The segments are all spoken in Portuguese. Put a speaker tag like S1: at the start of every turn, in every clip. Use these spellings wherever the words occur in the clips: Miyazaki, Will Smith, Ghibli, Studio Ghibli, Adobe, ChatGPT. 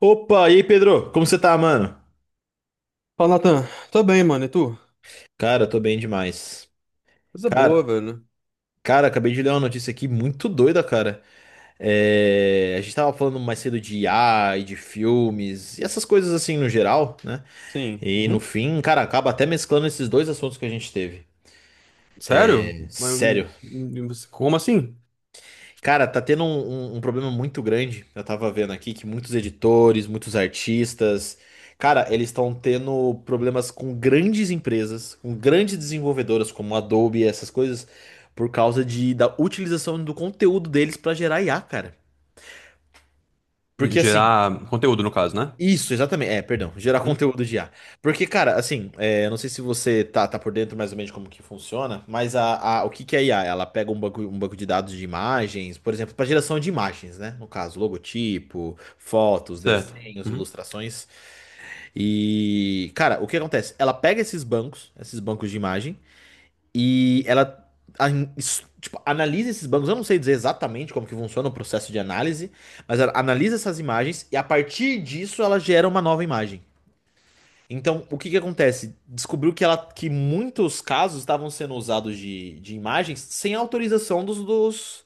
S1: Opa, e aí, Pedro? Como você tá, mano?
S2: Fala, Natan. Tô bem, mano. E tu?
S1: Cara, eu tô bem demais.
S2: Coisa boa,
S1: Cara,
S2: velho.
S1: cara, acabei de ler uma notícia aqui muito doida, cara. A gente tava falando mais cedo de IA e de filmes e essas coisas assim no geral, né?
S2: Sim.
S1: E no
S2: Uhum.
S1: fim, cara, acaba até mesclando esses dois assuntos que a gente teve.
S2: Sério? Mas,
S1: Sério,
S2: como assim?
S1: cara, tá tendo um problema muito grande. Eu tava vendo aqui que muitos editores, muitos artistas, cara, eles estão tendo problemas com grandes empresas, com grandes desenvolvedoras como Adobe, essas coisas, por causa da utilização do conteúdo deles pra gerar IA, cara. Porque assim,
S2: Gerar conteúdo, no caso, né?
S1: isso, exatamente. Perdão, gerar
S2: Uhum.
S1: conteúdo de IA. Porque, cara, assim, eu não sei se você tá por dentro mais ou menos de como que funciona, mas o que que é IA? Ela pega um banco de dados de imagens, por exemplo, para geração de imagens, né? No caso, logotipo, fotos,
S2: Certo.
S1: desenhos,
S2: Uhum.
S1: ilustrações. E, cara, o que acontece? Ela pega esses bancos de imagens e ela a- tipo, analisa esses bancos. Eu não sei dizer exatamente como que funciona o processo de análise, mas ela analisa essas imagens e a partir disso ela gera uma nova imagem. Então, o que que acontece? Descobriu que ela que muitos casos estavam sendo usados de imagens sem autorização dos, dos,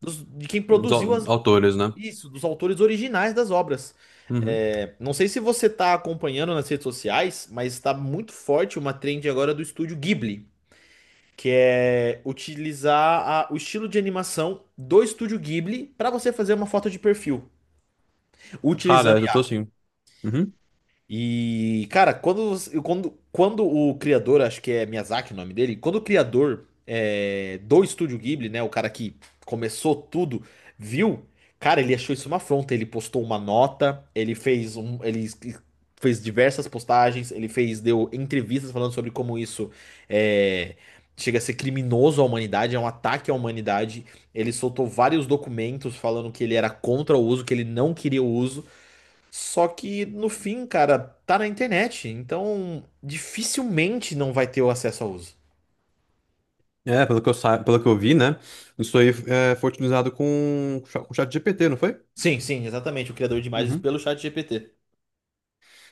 S1: dos- de quem produziu as,
S2: Autores, né?
S1: isso, dos autores originais das obras.
S2: Uhum.
S1: É, não sei se você está acompanhando nas redes sociais, mas está muito forte uma trend agora do estúdio Ghibli que é utilizar o estilo de animação do estúdio Ghibli para você fazer uma foto de perfil,
S2: Cara,
S1: utilizando
S2: eu tô assim. Uhum.
S1: e, cara, quando o criador, acho que é Miyazaki o nome dele, quando o criador do Estúdio Ghibli, né, o cara que começou tudo, viu, cara, ele achou isso uma afronta. Ele postou uma nota, ele fez um, fez diversas postagens, ele fez, deu entrevistas falando sobre como isso é, chega a ser criminoso à humanidade, é um ataque à humanidade. Ele soltou vários documentos falando que ele era contra o uso, que ele não queria o uso. Só que no fim, cara, tá na internet, então dificilmente não vai ter o acesso ao uso.
S2: Pelo que eu vi, né? Isso aí é, foi utilizado com o chat GPT, não foi?
S1: Sim, sim, exatamente, o criador de imagens
S2: Uhum.
S1: pelo chat GPT.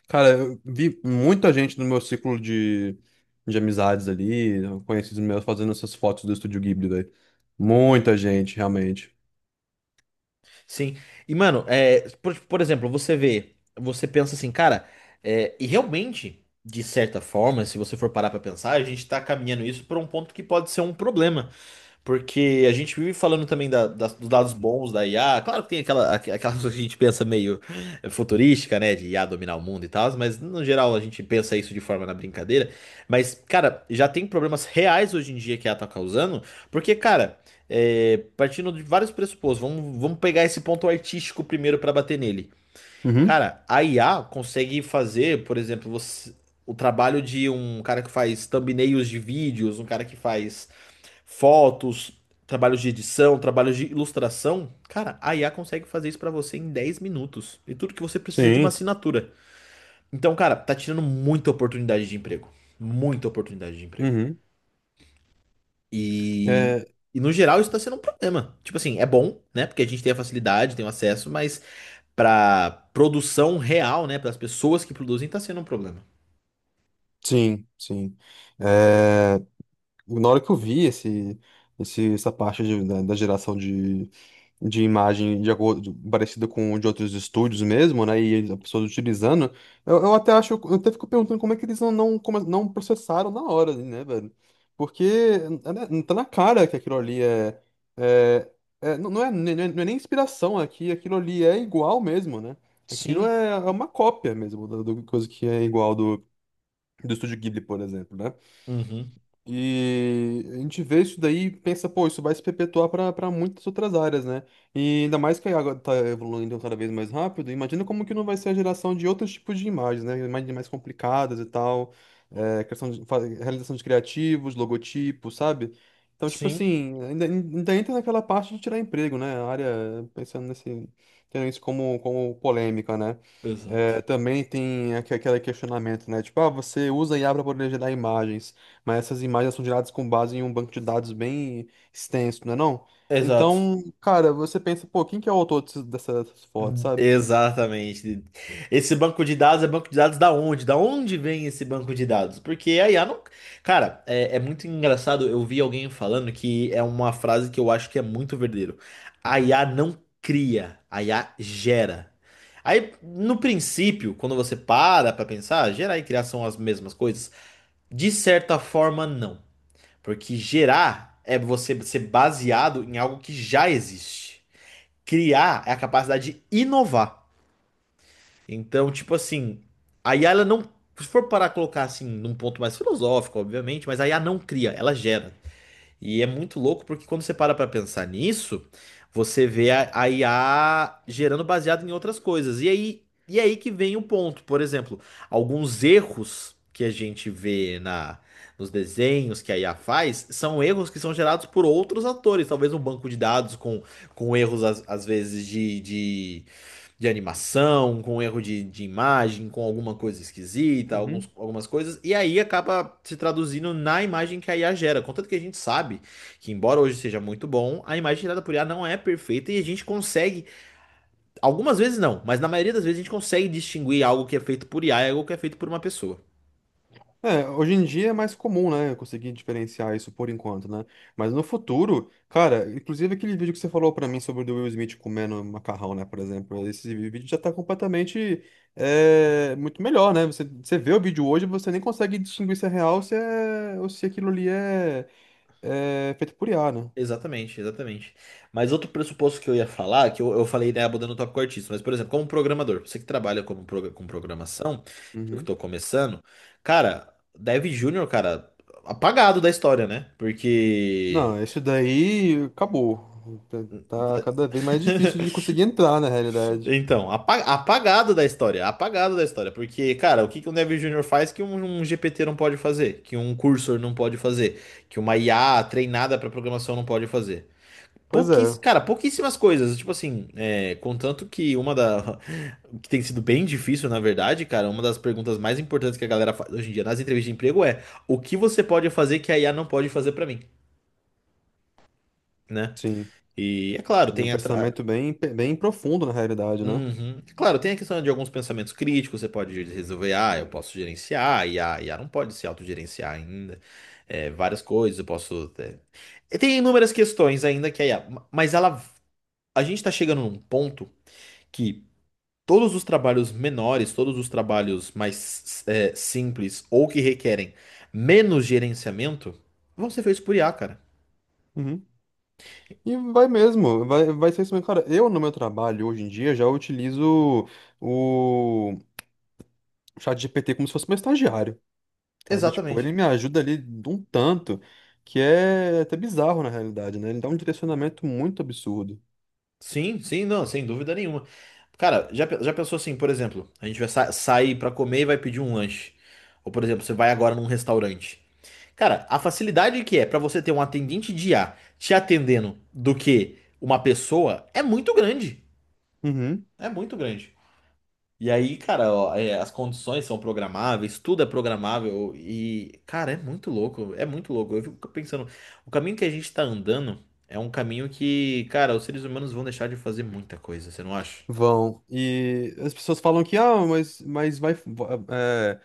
S2: Cara, eu vi muita gente no meu ciclo de amizades ali, conhecidos meus fazendo essas fotos do Estúdio Ghibli, velho. Muita gente, realmente.
S1: Sim. E, mano, por exemplo, você vê, você pensa assim, cara, e realmente, de certa forma, se você for parar pra pensar, a gente tá caminhando isso pra um ponto que pode ser um problema. Porque a gente vive falando também dos dados bons da IA. Claro que tem aquela coisa que a gente pensa meio futurística, né? De IA dominar o mundo e tal, mas no geral a gente pensa isso de forma na brincadeira. Mas, cara, já tem problemas reais hoje em dia que a IA tá causando, porque, cara, partindo de vários pressupostos, vamos pegar esse ponto artístico primeiro para bater nele.
S2: Uhum,
S1: Cara, a IA consegue fazer, por exemplo, o trabalho de um cara que faz thumbnails de vídeos, um cara que faz fotos, trabalhos de edição, trabalhos de ilustração, cara, a IA consegue fazer isso pra você em 10 minutos. E tudo que você precisa é de uma
S2: sim,
S1: assinatura. Então, cara, tá tirando muita oportunidade de emprego. Muita oportunidade de emprego.
S2: uhum.
S1: E,
S2: É,
S1: e no geral isso tá sendo um problema. Tipo assim, é bom, né? Porque a gente tem a facilidade, tem o acesso, mas pra produção real, né, para as pessoas que produzem, tá sendo um problema.
S2: sim, sim. É, na hora que eu vi essa parte da, da geração de imagem de acordo, parecido com o de outros estúdios mesmo, né? E as pessoas utilizando. Eu até acho, eu até fico perguntando como é que eles não processaram na hora, né, velho? Porque é, né, tá na cara que aquilo ali é, é, é- não, não é, nem- não é, não é nem inspiração aqui, aquilo ali é igual mesmo, né? Aquilo
S1: Sim,
S2: é, é uma cópia mesmo, da coisa que é igual do Estúdio Ghibli, por exemplo, né?
S1: uhum,
S2: E a gente vê isso daí e pensa, pô, isso vai se perpetuar para muitas outras áreas, né? E ainda mais que a água tá evoluindo cada vez mais rápido, imagina como que não vai ser a geração de outros tipos de imagens, né? Imagens mais complicadas e tal, é, criação de realização de criativos, logotipos, sabe? Então, tipo
S1: sim,
S2: assim, ainda entra naquela parte de tirar emprego, né? A área, pensando nesse, tendo isso como, como polêmica, né? É,
S1: exato.
S2: também tem aquele questionamento, né? Tipo, ah, você usa IA para poder gerar imagens, mas essas imagens são geradas com base em um banco de dados bem extenso, não é não?
S1: Exato.
S2: Então, cara, você pensa, pô, quem que é o autor dessas, dessas fotos, sabe?
S1: Exatamente. Esse banco de dados é banco de dados da onde? Da onde vem esse banco de dados? Porque a IA não. Cara, é muito engraçado. Eu vi alguém falando que é uma frase que eu acho que é muito verdadeiro. A IA não cria, a IA gera. Aí, no princípio, quando você para pra pensar, gerar e criar são as mesmas coisas? De certa forma, não. Porque gerar é você ser baseado em algo que já existe. Criar é a capacidade de inovar. Então, tipo assim, a IA ela não, se for parar a colocar assim, num ponto mais filosófico, obviamente, mas a IA não cria, ela gera. E é muito louco porque quando você para pra pensar nisso, você vê a IA gerando baseado em outras coisas. E aí que vem o ponto, por exemplo, alguns erros que a gente vê na nos desenhos que a IA faz, são erros que são gerados por outros atores, talvez um banco de dados com erros às vezes de animação, com erro de imagem, com alguma coisa esquisita,
S2: Uhum.
S1: algumas coisas, e aí acaba se traduzindo na imagem que a IA gera. Contanto que a gente sabe que, embora hoje seja muito bom, a imagem gerada por IA não é perfeita e a gente consegue, algumas vezes não, mas na maioria das vezes a gente consegue distinguir algo que é feito por IA e algo que é feito por uma pessoa.
S2: É, hoje em dia é mais comum, né, eu conseguir diferenciar isso por enquanto, né? Mas no futuro, cara, inclusive aquele vídeo que você falou pra mim sobre o do Will Smith comendo macarrão, né, por exemplo, esse vídeo já tá completamente é, muito melhor, né? Você vê o vídeo hoje, você nem consegue distinguir se é real, se é, ou se aquilo ali é, é feito por IA, né?
S1: Exatamente, exatamente. Mas outro pressuposto que eu ia falar, que eu falei, né, abordando o tópico artista, mas, por exemplo, como programador, você que trabalha como, com programação, eu que
S2: Uhum.
S1: tô começando, cara, Dev Júnior, cara, apagado da história, né? Porque.
S2: Não, isso daí acabou. Tá tá cada vez mais difícil de conseguir entrar na realidade.
S1: Então, apagado da história, porque, cara, o que que um Dev Júnior faz que um GPT não pode fazer, que um cursor não pode fazer, que uma IA treinada para programação não pode fazer?
S2: Pois
S1: Pouquíss...
S2: é,
S1: Cara, pouquíssimas coisas. Tipo assim, contanto que uma da. Que tem sido bem difícil, na verdade, cara, uma das perguntas mais importantes que a galera faz hoje em dia nas entrevistas de emprego é: o que você pode fazer que a IA não pode fazer pra mim, né?
S2: sim.
S1: E é claro,
S2: E é um
S1: tem atra...
S2: pensamento bem, bem profundo na realidade, né?
S1: Uhum. É claro, tem a questão de alguns pensamentos críticos, você pode resolver, ah, eu posso gerenciar, e a IA, a não pode se autogerenciar ainda. É, várias coisas, eu posso. E tem inúmeras questões ainda que a IA. Mas ela. A gente tá chegando num ponto. Que todos os trabalhos menores, todos os trabalhos mais simples ou que requerem menos gerenciamento vão ser feitos por IA, cara.
S2: Uhum. E vai mesmo, vai ser isso mesmo. Cara, eu no meu trabalho hoje em dia já utilizo o chat GPT como se fosse meu estagiário, sabe? Tipo, ele
S1: Exatamente.
S2: me ajuda ali de um tanto que é até bizarro na realidade, né? Ele dá um direcionamento muito absurdo.
S1: Sim, sim, não, sem dúvida nenhuma. Cara, já, já pensou assim, por exemplo, a gente vai sair pra comer e vai pedir um lanche. Ou, por exemplo, você vai agora num restaurante. Cara, a facilidade que é pra você ter um atendente de IA te atendendo do que uma pessoa é muito grande.
S2: Uhum.
S1: É muito grande. E aí, cara, ó, as condições são programáveis, tudo é programável e, cara, é muito louco, é muito louco. Eu fico pensando, o caminho que a gente tá andando é um caminho que, cara, os seres humanos vão deixar de fazer muita coisa, você não acha?
S2: Vão. E as pessoas falam que, ah, é,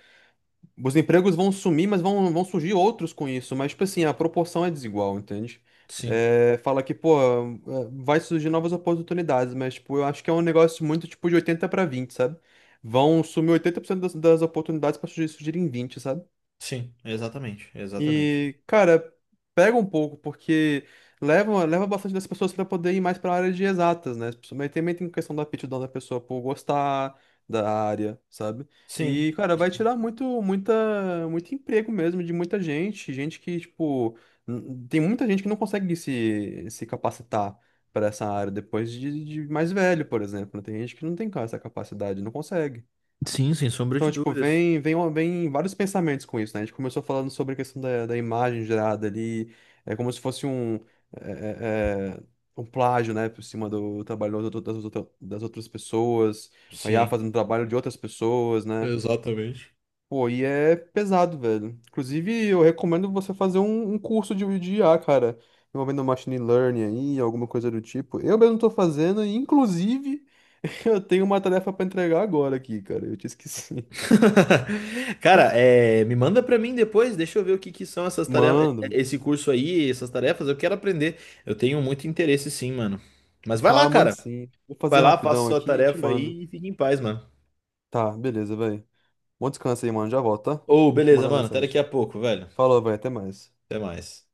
S2: os empregos vão sumir, mas vão surgir outros com isso. Mas, tipo assim, a proporção é desigual, entende?
S1: Sim,
S2: É, fala que, pô, é, vai surgir novas oportunidades, mas, tipo, eu acho que é um negócio muito, tipo, de 80 para vinte, sabe? Vão sumir 80% das, das oportunidades para surgirem vinte, sabe?
S1: sim, exatamente, exatamente.
S2: E, cara, pega um pouco, porque leva bastante das pessoas para poder ir mais para a área de exatas, né? Mas também tem questão da aptidão da pessoa por gostar da área, sabe?
S1: Sim,
S2: E, cara, vai tirar muito emprego mesmo de muita gente, gente que, tipo, tem muita gente que não consegue se capacitar para essa área depois de mais velho, por exemplo, né? Tem gente que não tem essa capacidade, não consegue.
S1: sim, sem sombra
S2: Então,
S1: de
S2: tipo,
S1: dúvidas.
S2: vem vários pensamentos com isso, né? A gente começou falando sobre a questão da imagem gerada ali, é como se fosse é, é, é, um plágio, né, por cima do trabalho das outras pessoas, a IA
S1: Sim,
S2: fazendo trabalho de outras pessoas, né?
S1: exatamente.
S2: Pô, e é pesado, velho. Inclusive, eu recomendo você fazer um curso de IA, cara, envolvendo machine learning aí, alguma coisa do tipo. Eu mesmo tô fazendo, e inclusive, eu tenho uma tarefa pra entregar agora aqui, cara, eu te esqueci.
S1: Cara, me manda pra mim depois, deixa eu ver o que que são essas tarefas,
S2: Mando.
S1: esse curso aí, essas tarefas, eu quero aprender. Eu tenho muito interesse sim, mano. Mas vai
S2: Tá,
S1: lá,
S2: eu mando
S1: cara.
S2: sim. Vou fazer
S1: Vai lá, faça
S2: rapidão
S1: sua
S2: aqui e te
S1: tarefa
S2: mando.
S1: aí e fique em paz, mano.
S2: Tá, beleza, velho. Bom descanso aí, mano. Já volto, tá?
S1: Ô,
S2: Deixa eu te
S1: beleza,
S2: mandar
S1: mano. Até daqui
S2: mensagem.
S1: a pouco, velho.
S2: Falou, velho. Até mais.
S1: Até mais.